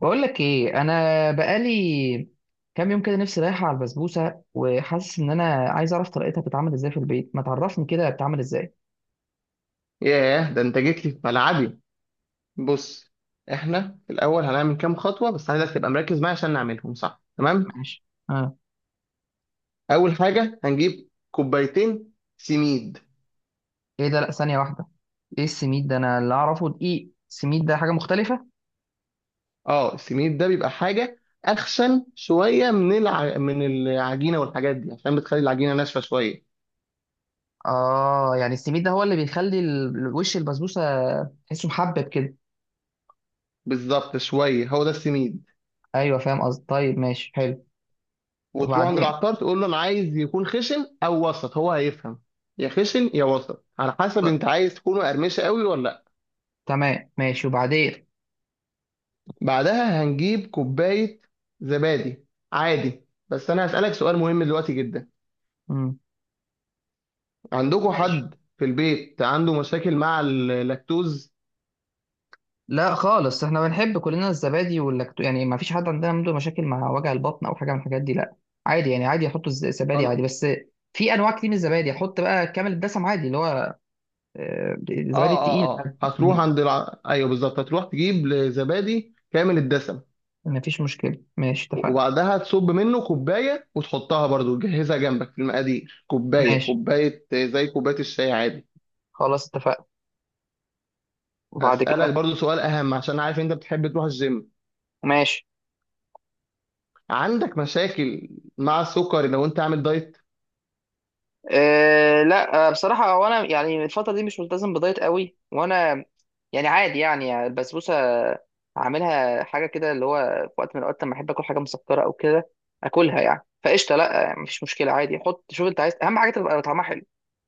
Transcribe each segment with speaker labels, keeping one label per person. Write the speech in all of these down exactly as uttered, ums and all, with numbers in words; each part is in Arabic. Speaker 1: بقول لك ايه، انا بقالي كام يوم كده نفسي رايحه على البسبوسه، وحاسس ان انا عايز اعرف طريقتها بتتعمل ازاي في البيت. ما تعرفني كده بتتعمل ازاي؟
Speaker 2: ياه، ده انت جيت لي في ملعبي. بص، احنا في الاول هنعمل كام خطوه بس عايزك تبقى مركز معايا عشان نعملهم صح. تمام.
Speaker 1: ماشي، اه.
Speaker 2: اول حاجه هنجيب كوبايتين سميد.
Speaker 1: ايه ده؟ لا، ثانيه واحده. ايه السميد ده؟ انا اللي اعرفه دقيق. السميد ده حاجه مختلفه.
Speaker 2: اه السميد ده بيبقى حاجه اخشن شويه من الع... من العجينه والحاجات دي عشان بتخلي العجينه ناشفه شويه.
Speaker 1: اه، يعني السميد ده هو اللي بيخلي ال- وش البسبوسه تحسه محبب كده.
Speaker 2: بالظبط شويه هو ده السميد.
Speaker 1: ايوه، فاهم قصدي. طيب ماشي، حلو.
Speaker 2: وتروح عند
Speaker 1: وبعدين؟
Speaker 2: العطار تقول له انا عايز يكون خشن او وسط، هو هيفهم. يا خشن يا وسط على حسب
Speaker 1: ط-
Speaker 2: انت عايز تكونه قرمشه قوي ولا.
Speaker 1: تمام، ماشي. وبعدين؟
Speaker 2: بعدها هنجيب كوباية زبادي عادي، بس أنا هسألك سؤال مهم دلوقتي جدا.
Speaker 1: امم
Speaker 2: عندكم
Speaker 1: ماشي.
Speaker 2: حد في البيت عنده مشاكل مع اللاكتوز؟
Speaker 1: لا خالص، احنا بنحب كلنا الزبادي واللاكتو، يعني ما فيش حد عندنا عنده مشاكل مع وجع البطن او حاجه من الحاجات دي، لا. عادي، يعني عادي يحطوا الز- الزبادي عادي
Speaker 2: خلاص.
Speaker 1: بس. في انواع كتير من الزبادي، احط بقى كامل الدسم عادي، اللي هو آه، الزبادي
Speaker 2: اه اه
Speaker 1: التقيل.
Speaker 2: اه،
Speaker 1: م-
Speaker 2: هتروح عند الع... ايوه بالظبط هتروح تجيب زبادي كامل الدسم.
Speaker 1: ما فيش مشكله، ماشي اتفقنا.
Speaker 2: وبعدها تصب منه كوباية وتحطها برضو، تجهزها جنبك في المقادير، كوباية،
Speaker 1: ماشي
Speaker 2: كوباية زي كوباية الشاي عادي.
Speaker 1: خلاص اتفقنا. وبعد كده؟
Speaker 2: هسألك برضو سؤال أهم، عشان عارف أنت بتحب تروح الجيم.
Speaker 1: ماشي.
Speaker 2: عندك مشاكل مع السكر لو أنت عامل دايت؟
Speaker 1: أه، لا، آه، بصراحة هو أنا يعني الفترة دي مش ملتزم بدايت قوي، وأنا يعني عادي، يعني البسبوسة أعملها حاجة كده، اللي هو في وقت من الأوقات لما أحب آكل حاجة مسكرة أو كده آكلها، يعني فقشطة، لا يعني مفيش مشكلة. عادي، حط شوف أنت عايز. أهم حاجة تبقى طعمها حلو،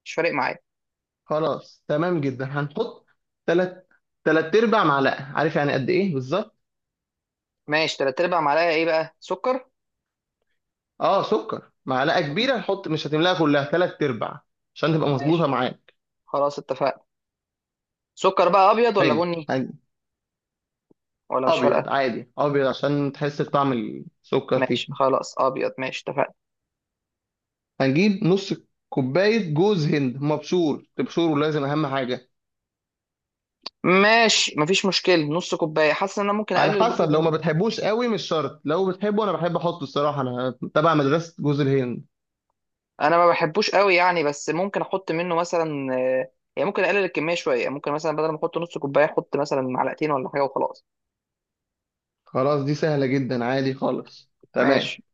Speaker 1: مش فارق معايا.
Speaker 2: خلاص. تمام جدا. هنحط تلات تلات ارباع معلقه، عارف يعني قد ايه بالظبط.
Speaker 1: ماشي، تلات أرباع معلقة إيه بقى؟ سكر؟
Speaker 2: اه، سكر، معلقه
Speaker 1: طب.
Speaker 2: كبيره هنحط مش هتملاها كلها، تلات ارباع عشان تبقى مظبوطه
Speaker 1: ماشي
Speaker 2: معاك.
Speaker 1: خلاص اتفقنا. سكر بقى أبيض ولا
Speaker 2: حلو.
Speaker 1: بني؟
Speaker 2: هن-
Speaker 1: ولا مش
Speaker 2: ابيض
Speaker 1: فارقة؟
Speaker 2: عادي، ابيض عشان تحس بطعم السكر فيه.
Speaker 1: ماشي خلاص، أبيض. ماشي اتفقنا.
Speaker 2: هنجيب نص كوبايه جوز هند مبشور، تبشره لازم اهم حاجه.
Speaker 1: ماشي مفيش مشكلة. نص كوباية، حاسس إن أنا ممكن
Speaker 2: على
Speaker 1: أقلل
Speaker 2: حسب، لو ما
Speaker 1: الجزء.
Speaker 2: بتحبوش قوي مش شرط، لو بتحبه انا بحب احطه الصراحه، انا تبع مدرسه جوز الهند.
Speaker 1: انا ما بحبوش قوي يعني، بس ممكن احط منه مثلا، آه، يعني ممكن اقلل الكميه شويه، يعني ممكن مثلا بدل ما احط نص كوبايه، احط مثلا معلقتين ولا حاجه وخلاص.
Speaker 2: خلاص دي سهله جدا عادي خالص. تمام.
Speaker 1: ماشي.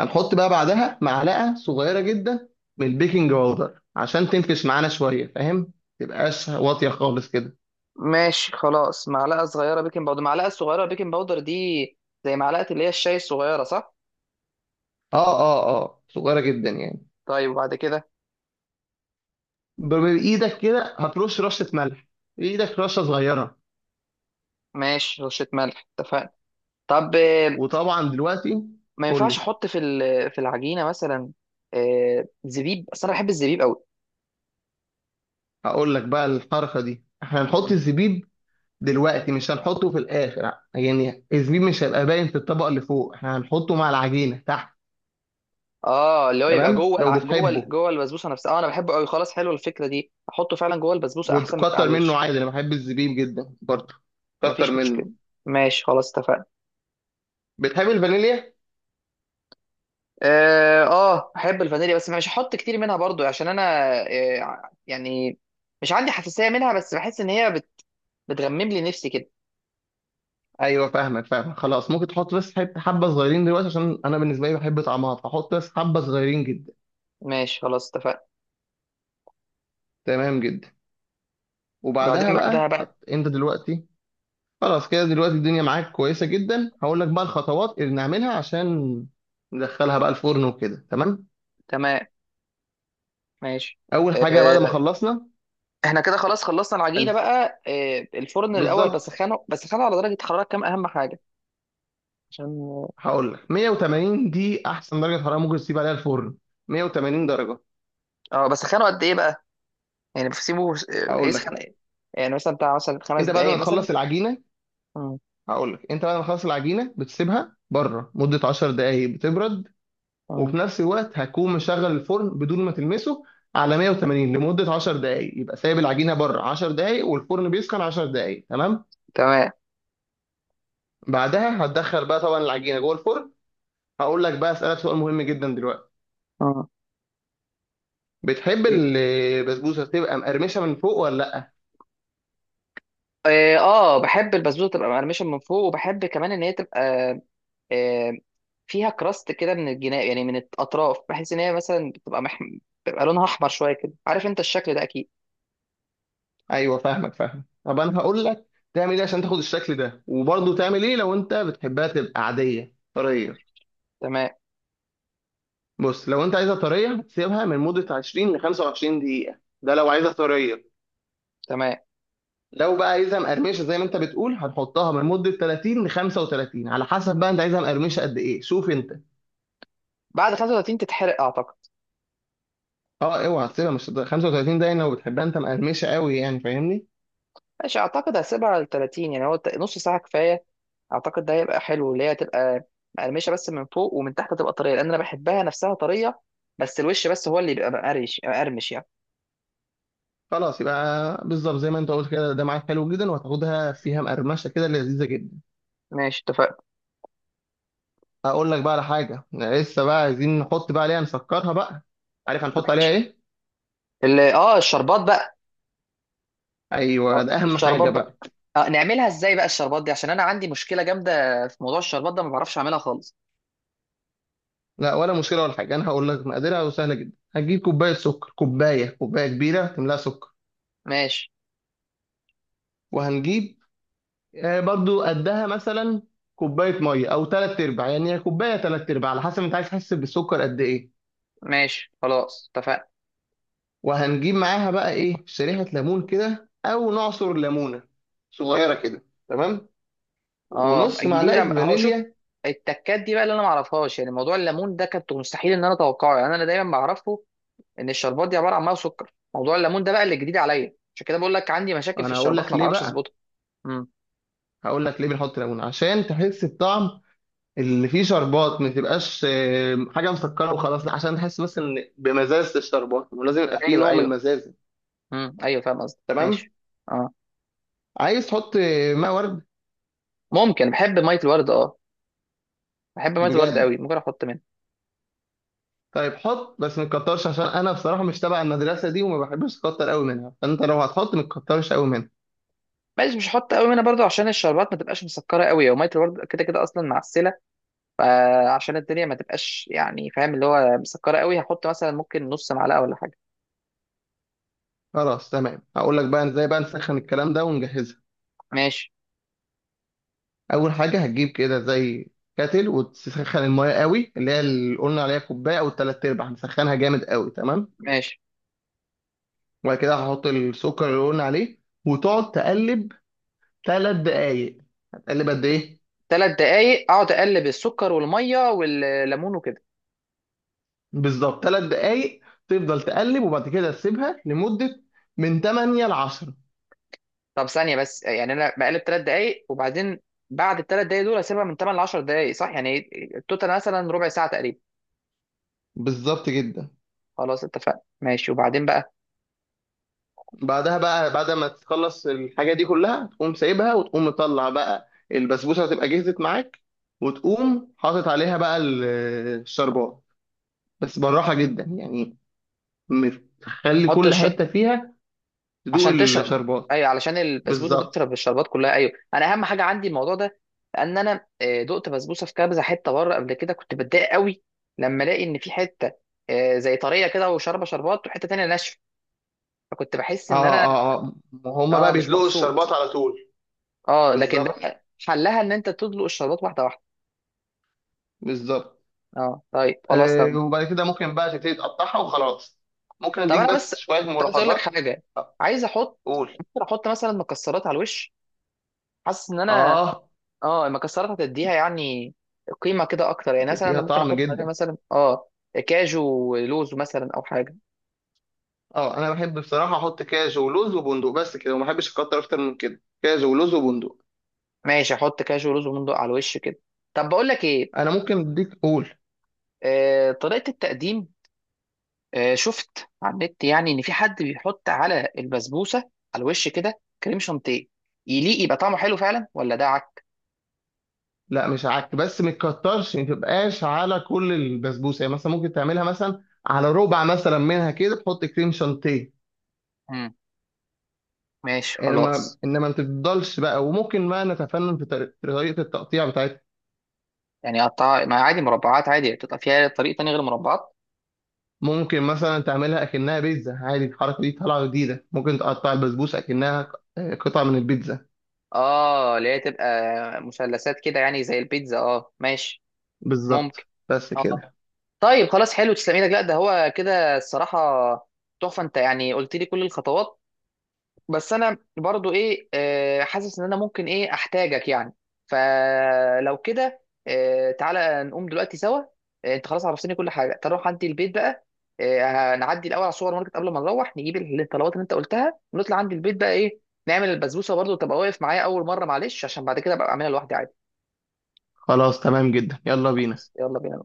Speaker 2: هنحط بقى بعدها معلقه صغيره جدا من البيكنج باودر، عشان تنفش معانا شويه فاهم، تبقاش واطيه خالص كده.
Speaker 1: ماشي خلاص، معلقه صغيره بيكنج باودر. المعلقه الصغيره بيكنج باودر دي زي معلقه اللي هي الشاي الصغيره، صح؟
Speaker 2: اه اه اه، صغيره جدا يعني.
Speaker 1: طيب، وبعد كده؟
Speaker 2: ب- بايدك كده هترش رشه ملح، بايدك رشه صغيره.
Speaker 1: ماشي، رشه ملح، اتفقنا. طب، آه،
Speaker 2: وطبعا دلوقتي.
Speaker 1: ما
Speaker 2: قول
Speaker 1: ينفعش
Speaker 2: لي.
Speaker 1: احط في ال- في العجينه مثلا آه، زبيب؟ اصل انا بحب الزبيب قوي.
Speaker 2: هقول لك بقى الحركه دي، احنا هنحط الزبيب دلوقتي مش هنحطه في الاخر، يعني الزبيب مش هيبقى باين في الطبقه اللي فوق، احنا هنحطه مع العجينه تحت.
Speaker 1: اه، اللي هو يبقى
Speaker 2: تمام.
Speaker 1: جوه
Speaker 2: لو
Speaker 1: الع... جوه ال-
Speaker 2: بتحبه
Speaker 1: جوه البسبوسه نفسها. اه، انا بحبه قوي. خلاص، حلوه الفكره دي، احطه فعلا جوه البسبوسه احسن من يبقى على
Speaker 2: وتكتر منه
Speaker 1: الوش.
Speaker 2: عادي، انا بحب الزبيب جدا برضه. كتر
Speaker 1: مفيش مشكله.
Speaker 2: منه.
Speaker 1: ماشي خلاص اتفقنا.
Speaker 2: بتحب الفانيليا؟
Speaker 1: اه، آه، احب الفانيليا، بس مش هحط كتير منها برضو عشان انا آه يعني مش عندي حساسيه منها، بس بحس ان هي بت... بتغمم لي نفسي كده.
Speaker 2: ايوه فاهمك فاهمك، خلاص ممكن تحط بس حب- حبه صغيرين دلوقتي، عشان انا بالنسبه لي بحب طعمها، فحط بس حبه صغيرين جدا.
Speaker 1: ماشي خلاص اتفقنا.
Speaker 2: تمام جدا. وبعدها
Speaker 1: بعدين؟ بعدها
Speaker 2: بقى
Speaker 1: بقى.
Speaker 2: حط انت دلوقتي. خلاص كده دلوقتي الدنيا معاك كويسه جدا. هقول لك بقى الخطوات اللي نعملها عشان ندخلها بقى الفرن وكده. تمام.
Speaker 1: تمام، ماشي.
Speaker 2: اول حاجه بعد ما
Speaker 1: آه،
Speaker 2: خلصنا
Speaker 1: احنا كده خلاص خلصنا العجينه
Speaker 2: هنس-
Speaker 1: بقى. آه الفرن الاول
Speaker 2: بالظبط.
Speaker 1: بسخنه بسخنه على درجه حراره كام؟ اهم حاجه عشان.
Speaker 2: هقول لك، مية وتمانين دي احسن درجه حراره ممكن تسيب عليها الفرن، مية وتمانين درجه.
Speaker 1: اه بس، خانه قد ايه بقى؟ يعني بسيبه، آه،
Speaker 2: هقول
Speaker 1: يسخن
Speaker 2: لك
Speaker 1: إيه؟ يعني مثلا بتاع مثلا خمس
Speaker 2: انت بعد
Speaker 1: دقايق
Speaker 2: ما
Speaker 1: مثلا؟
Speaker 2: تخلص العجينه
Speaker 1: مم.
Speaker 2: هقول لك، انت بعد ما تخلص العجينه بتسيبها بره مده عشر دقائق بتبرد،
Speaker 1: مم.
Speaker 2: وفي نفس الوقت هتكون مشغل الفرن بدون ما تلمسه على مائة وثمانين لمده عشر دقائق، يبقى سايب العجينه بره عشر دقائق والفرن بيسخن عشر دقائق. تمام.
Speaker 1: تمام.
Speaker 2: بعدها هتدخل بقى طبعا العجينه جوه الفرن. هقول لك بقى، اسالك سؤال مهم جدا دلوقتي،
Speaker 1: مم.
Speaker 2: بتحب
Speaker 1: إيه؟
Speaker 2: البسبوسه تبقى مقرمشه من فوق ولا لا؟
Speaker 1: اه. آه، بحب البسبوسه تبقى مقرمشه من فوق، وبحب كمان ان هي تبقى آه، فيها كراست كده من الجناب، يعني من الاطراف، بحيث ان هي مثلا بتبقى مح... بتبقى لونها احمر شويه كده. عارف انت الشكل ده اكيد.
Speaker 2: ايوه فاهمك فاهمك، طب انا هقول لك تعمل ايه عشان تاخد الشكل ده، وبرضه تعمل ايه لو انت بتحبها تبقى عاديه طريه.
Speaker 1: تمام.
Speaker 2: بص، لو انت عايزها طريه سيبها من مده عشرين ل خمسة وعشرين دقيقه، ده لو عايزها طريه.
Speaker 1: تمام.
Speaker 2: لو بقى عايزها مقرمشه زي ما انت بتقول هنحطها من مده تلاتين ل خمسة وتلاتين، على حسب بقى انت عايزها مقرمشه قد ايه، شوف انت.
Speaker 1: بعد خمسة وتلاتين تتحرق اعتقد.
Speaker 2: اه، اوعى تسيبها مش خمسة وثلاثين ده، يعني لو بتحبها انت مقرمشه قوي، يعني فاهمني.
Speaker 1: ماشي، اعتقد هسيبها على تلاتين يعني، هو نص ساعه كفايه. اعتقد ده هيبقى حلو، اللي هي تبقى مقرمشه بس من فوق، ومن تحت تبقى طريه، لان انا بحبها نفسها طريه. بس الوش بس هو اللي بيبقى مقرش مقرمش يعني.
Speaker 2: خلاص يبقى بالظبط زي ما انت قلت كده، ده معاك حلو جدا، وهتاخدها فيها مقرمشه كده لذيذه جدا.
Speaker 1: ماشي اتفقنا.
Speaker 2: هقول لك بقى على حاجه لسه بقى عايزين نحط بقى عليها نسكرها بقى، عارف هنحط عليها
Speaker 1: ماشي.
Speaker 2: ايه؟
Speaker 1: ال- اه الشربات بقى.
Speaker 2: ايوه ده اهم
Speaker 1: الشربات
Speaker 2: حاجه
Speaker 1: بقى.
Speaker 2: بقى.
Speaker 1: آه نعملها ازاي بقى الشربات دي؟ عشان انا عندي مشكله جامده في موضوع الشربات ده، ما بعرفش اعملها خالص.
Speaker 2: لا ولا مشكله ولا حاجه، انا هقول لك مقاديرها سهله جدا. هتجيب كوبايه سكر، كوبايه، كوبايه كبيره تملاها سكر.
Speaker 1: ماشي.
Speaker 2: وهنجيب آه، برضو قدها مثلا كوبايه ميه او ثلاث ارباع، يعني هي كوبايه ثلاث ارباع على حسب انت عايز تحس بالسكر قد ايه.
Speaker 1: ماشي خلاص اتفقنا.
Speaker 2: وهنجيب معاها بقى ايه، شريحه ليمون كده او نعصر ليمونه صغيره كده. تمام.
Speaker 1: اه
Speaker 2: ونص معلقه
Speaker 1: جديده، هو شوف،
Speaker 2: فانيليا.
Speaker 1: التكات دي بقى اللي انا ما اعرفهاش، يعني موضوع الليمون ده كنت مستحيل ان انا اتوقعه، يعني انا دايما بعرفه ان الشربات دي عباره عن ميه وسكر. موضوع الليمون ده بقى اللي جديد عليا، عشان كده بقول لك عندي مشاكل في
Speaker 2: انا هقول
Speaker 1: الشربات،
Speaker 2: لك
Speaker 1: ما
Speaker 2: ليه
Speaker 1: بعرفش
Speaker 2: بقى،
Speaker 1: اظبطها. امم.
Speaker 2: هقول لك ليه بنحط ليمون، عشان تحس بطعم اللي فيه شربات، ما تبقاش آه، حاجه مسكره وخلاص لا، عشان تحس بس ان بمزازه الشربات، ولازم يبقى فيه
Speaker 1: ايوه،
Speaker 2: نوع من
Speaker 1: ايوه.
Speaker 2: المزازه.
Speaker 1: امم، ايوه فاهم قصدي.
Speaker 2: تمام.
Speaker 1: ماشي. اه.
Speaker 2: عايز تحط آه، ماء ورد؟
Speaker 1: ممكن. بحب ميه الورد، اه. بحب ميه الورد
Speaker 2: بجد؟
Speaker 1: قوي، ممكن احط منها.
Speaker 2: طيب حط بس ما تكترش، عشان انا بصراحه مش تبع المدرسه دي، وما بحبش اكتر قوي منها، فانت لو هتحط ما تكترش قوي منها.
Speaker 1: ماشي، مش هحط قوي منها برضو، عشان الشربات ما تبقاش مسكره قوي، وميه الورد كده كده اصلا معسله. فعشان الدنيا ما تبقاش، يعني فاهم، اللي هو مسكره قوي، هحط مثلا ممكن نص معلقه ولا حاجه.
Speaker 2: خلاص تمام. هقول لك بقى ازاي بقى نسخن الكلام ده ونجهزها.
Speaker 1: ماشي.
Speaker 2: اول حاجه هتجيب كده زي كاتل وتسخن المايه قوي، اللي هي اللي قلنا عليها كوبايه او ثلاث ارباع، نسخنها جامد قوي. تمام.
Speaker 1: ماشي.
Speaker 2: وبعد كده هحط السكر اللي قلنا عليه، وتقعد تقلب ثلاث دقايق. هتقلب قد ايه؟
Speaker 1: ثلاث دقايق اقعد اقلب السكر والميه والليمون وكده؟
Speaker 2: بالظبط ثلاث دقايق. تفضل تقلب، وبعد كده تسيبها لمدة من تمانية ل عشر.
Speaker 1: طب ثانية بس، يعني أنا بقلب تلات دقايق، وبعدين بعد التلات دقايق دول أسيبها من تمن لعشر دقايق، صح؟ يعني التوتال مثلا ربع ساعة تقريبا.
Speaker 2: بالظبط جدا.
Speaker 1: خلاص اتفقنا ماشي. وبعدين بقى؟
Speaker 2: بعدها بقى، بعد ما تخلص الحاجة دي كلها تقوم سايبها، وتقوم مطلع بقى البسبوسة، هتبقى جهزت معاك، وتقوم حاطط عليها بقى ال- الشربات، بس بالراحة جدا يعني. م- خلي
Speaker 1: أحط
Speaker 2: كل
Speaker 1: الش...
Speaker 2: حتة فيها تدوق
Speaker 1: عشان تشرب؟
Speaker 2: الشربات.
Speaker 1: أيوه، علشان البسبوسة
Speaker 2: بالظبط.
Speaker 1: تشرب الشربات كلها. أيوه، أنا أهم حاجة عندي الموضوع ده. لأن أنا آه، دقت بسبوسة في كبزة حتة بره قبل كده، كنت بتضايق قوي لما ألاقي إن في حتة آه، زي طرية كده وشاربة شربات، وحتة تانية ناشفة. فكنت بحس
Speaker 2: اه
Speaker 1: إن أنا
Speaker 2: اه اه، ما هما
Speaker 1: أه
Speaker 2: بقى
Speaker 1: مش
Speaker 2: بيدلقوا الشربات
Speaker 1: مبسوط.
Speaker 2: على طول.
Speaker 1: أه، لكن ده
Speaker 2: بالظبط
Speaker 1: حلها إن أنت تدلق الشربات واحدة واحدة.
Speaker 2: بالظبط.
Speaker 1: اه طيب، خلاص
Speaker 2: آه
Speaker 1: تمام.
Speaker 2: وبعد كده ممكن بقى تبتدي تقطعها وخلاص. ممكن
Speaker 1: طب
Speaker 2: اديك
Speaker 1: انا
Speaker 2: بس
Speaker 1: بس
Speaker 2: شوية
Speaker 1: كنت عايز اقول لك
Speaker 2: ملاحظات.
Speaker 1: حاجه. عايز احط.
Speaker 2: قول.
Speaker 1: ممكن احط مثلا مكسرات على الوش؟ حاسس ان انا،
Speaker 2: اه،
Speaker 1: اه، المكسرات هتديها يعني قيمه كده اكتر، يعني مثلا
Speaker 2: هتديها
Speaker 1: انا ممكن
Speaker 2: طعم
Speaker 1: احط عليها
Speaker 2: جدا.
Speaker 1: مثلا اه كاجو ولوز مثلا، او حاجه.
Speaker 2: اه انا بحب بصراحة احط كاجو ولوز وبندق بس كده، وما بحبش اكتر اكتر من كده، كاجو ولوز وبندق.
Speaker 1: ماشي، احط كاجو ولوز ومندق على الوش كده. طب بقول لك ايه،
Speaker 2: انا ممكن اديك، قول.
Speaker 1: آه طريقه التقديم. آه شفت على النت يعني ان في حد بيحط على البسبوسه على الوش كده كريم شانتيه، يليق؟ يبقى طعمه حلو فعلا ولا ده عك؟
Speaker 2: لا مش عك، بس ما تكترش، ما تبقاش على كل البسبوسة، يعني مثلا ممكن تعملها مثلا على ربع مثلا منها كده تحط كريم شانتيه.
Speaker 1: مم. ماشي
Speaker 2: انما
Speaker 1: خلاص.
Speaker 2: انما ما تفضلش بقى، وممكن بقى نتفنن في طريق- في طريقه التقطيع بتاعتها.
Speaker 1: يعني قطع ما عادي، مربعات عادي، بتبقى فيها طريق تاني غير مربعات؟
Speaker 2: ممكن مثلا تعملها اكنها بيتزا عادي، الحركه دي طالعه جديده، ممكن تقطع البسبوسه اكنها ق- قطعه من البيتزا.
Speaker 1: اه، اللي هي تبقى مثلثات كده، يعني زي البيتزا. اه ماشي.
Speaker 2: بالظبط.
Speaker 1: ممكن.
Speaker 2: بس
Speaker 1: اه.
Speaker 2: كده.
Speaker 1: طيب خلاص، حلو، تسلم ايدك. لا، ده هو كده الصراحة تحفة. انت يعني قلت لي كل الخطوات، بس انا برضو ايه آه، حاسس ان انا ممكن ايه احتاجك يعني. فلو كده، آه، تعالى نقوم دلوقتي سوا. آه، انت خلاص عرفتني كل حاجه، تروح عندي البيت بقى. آه، هنعدي الاول على السوبر ماركت، قبل ما نروح نجيب الطلبات اللي انت قلتها، ونطلع عندي البيت بقى، ايه نعمل البسبوسه برضو، تبقى واقف معايا اول مره معلش، عشان بعد كده ابقى اعملها لوحدي عادي.
Speaker 2: خلاص تمام جدا، يلا بينا.
Speaker 1: خلاص، يلا بينا.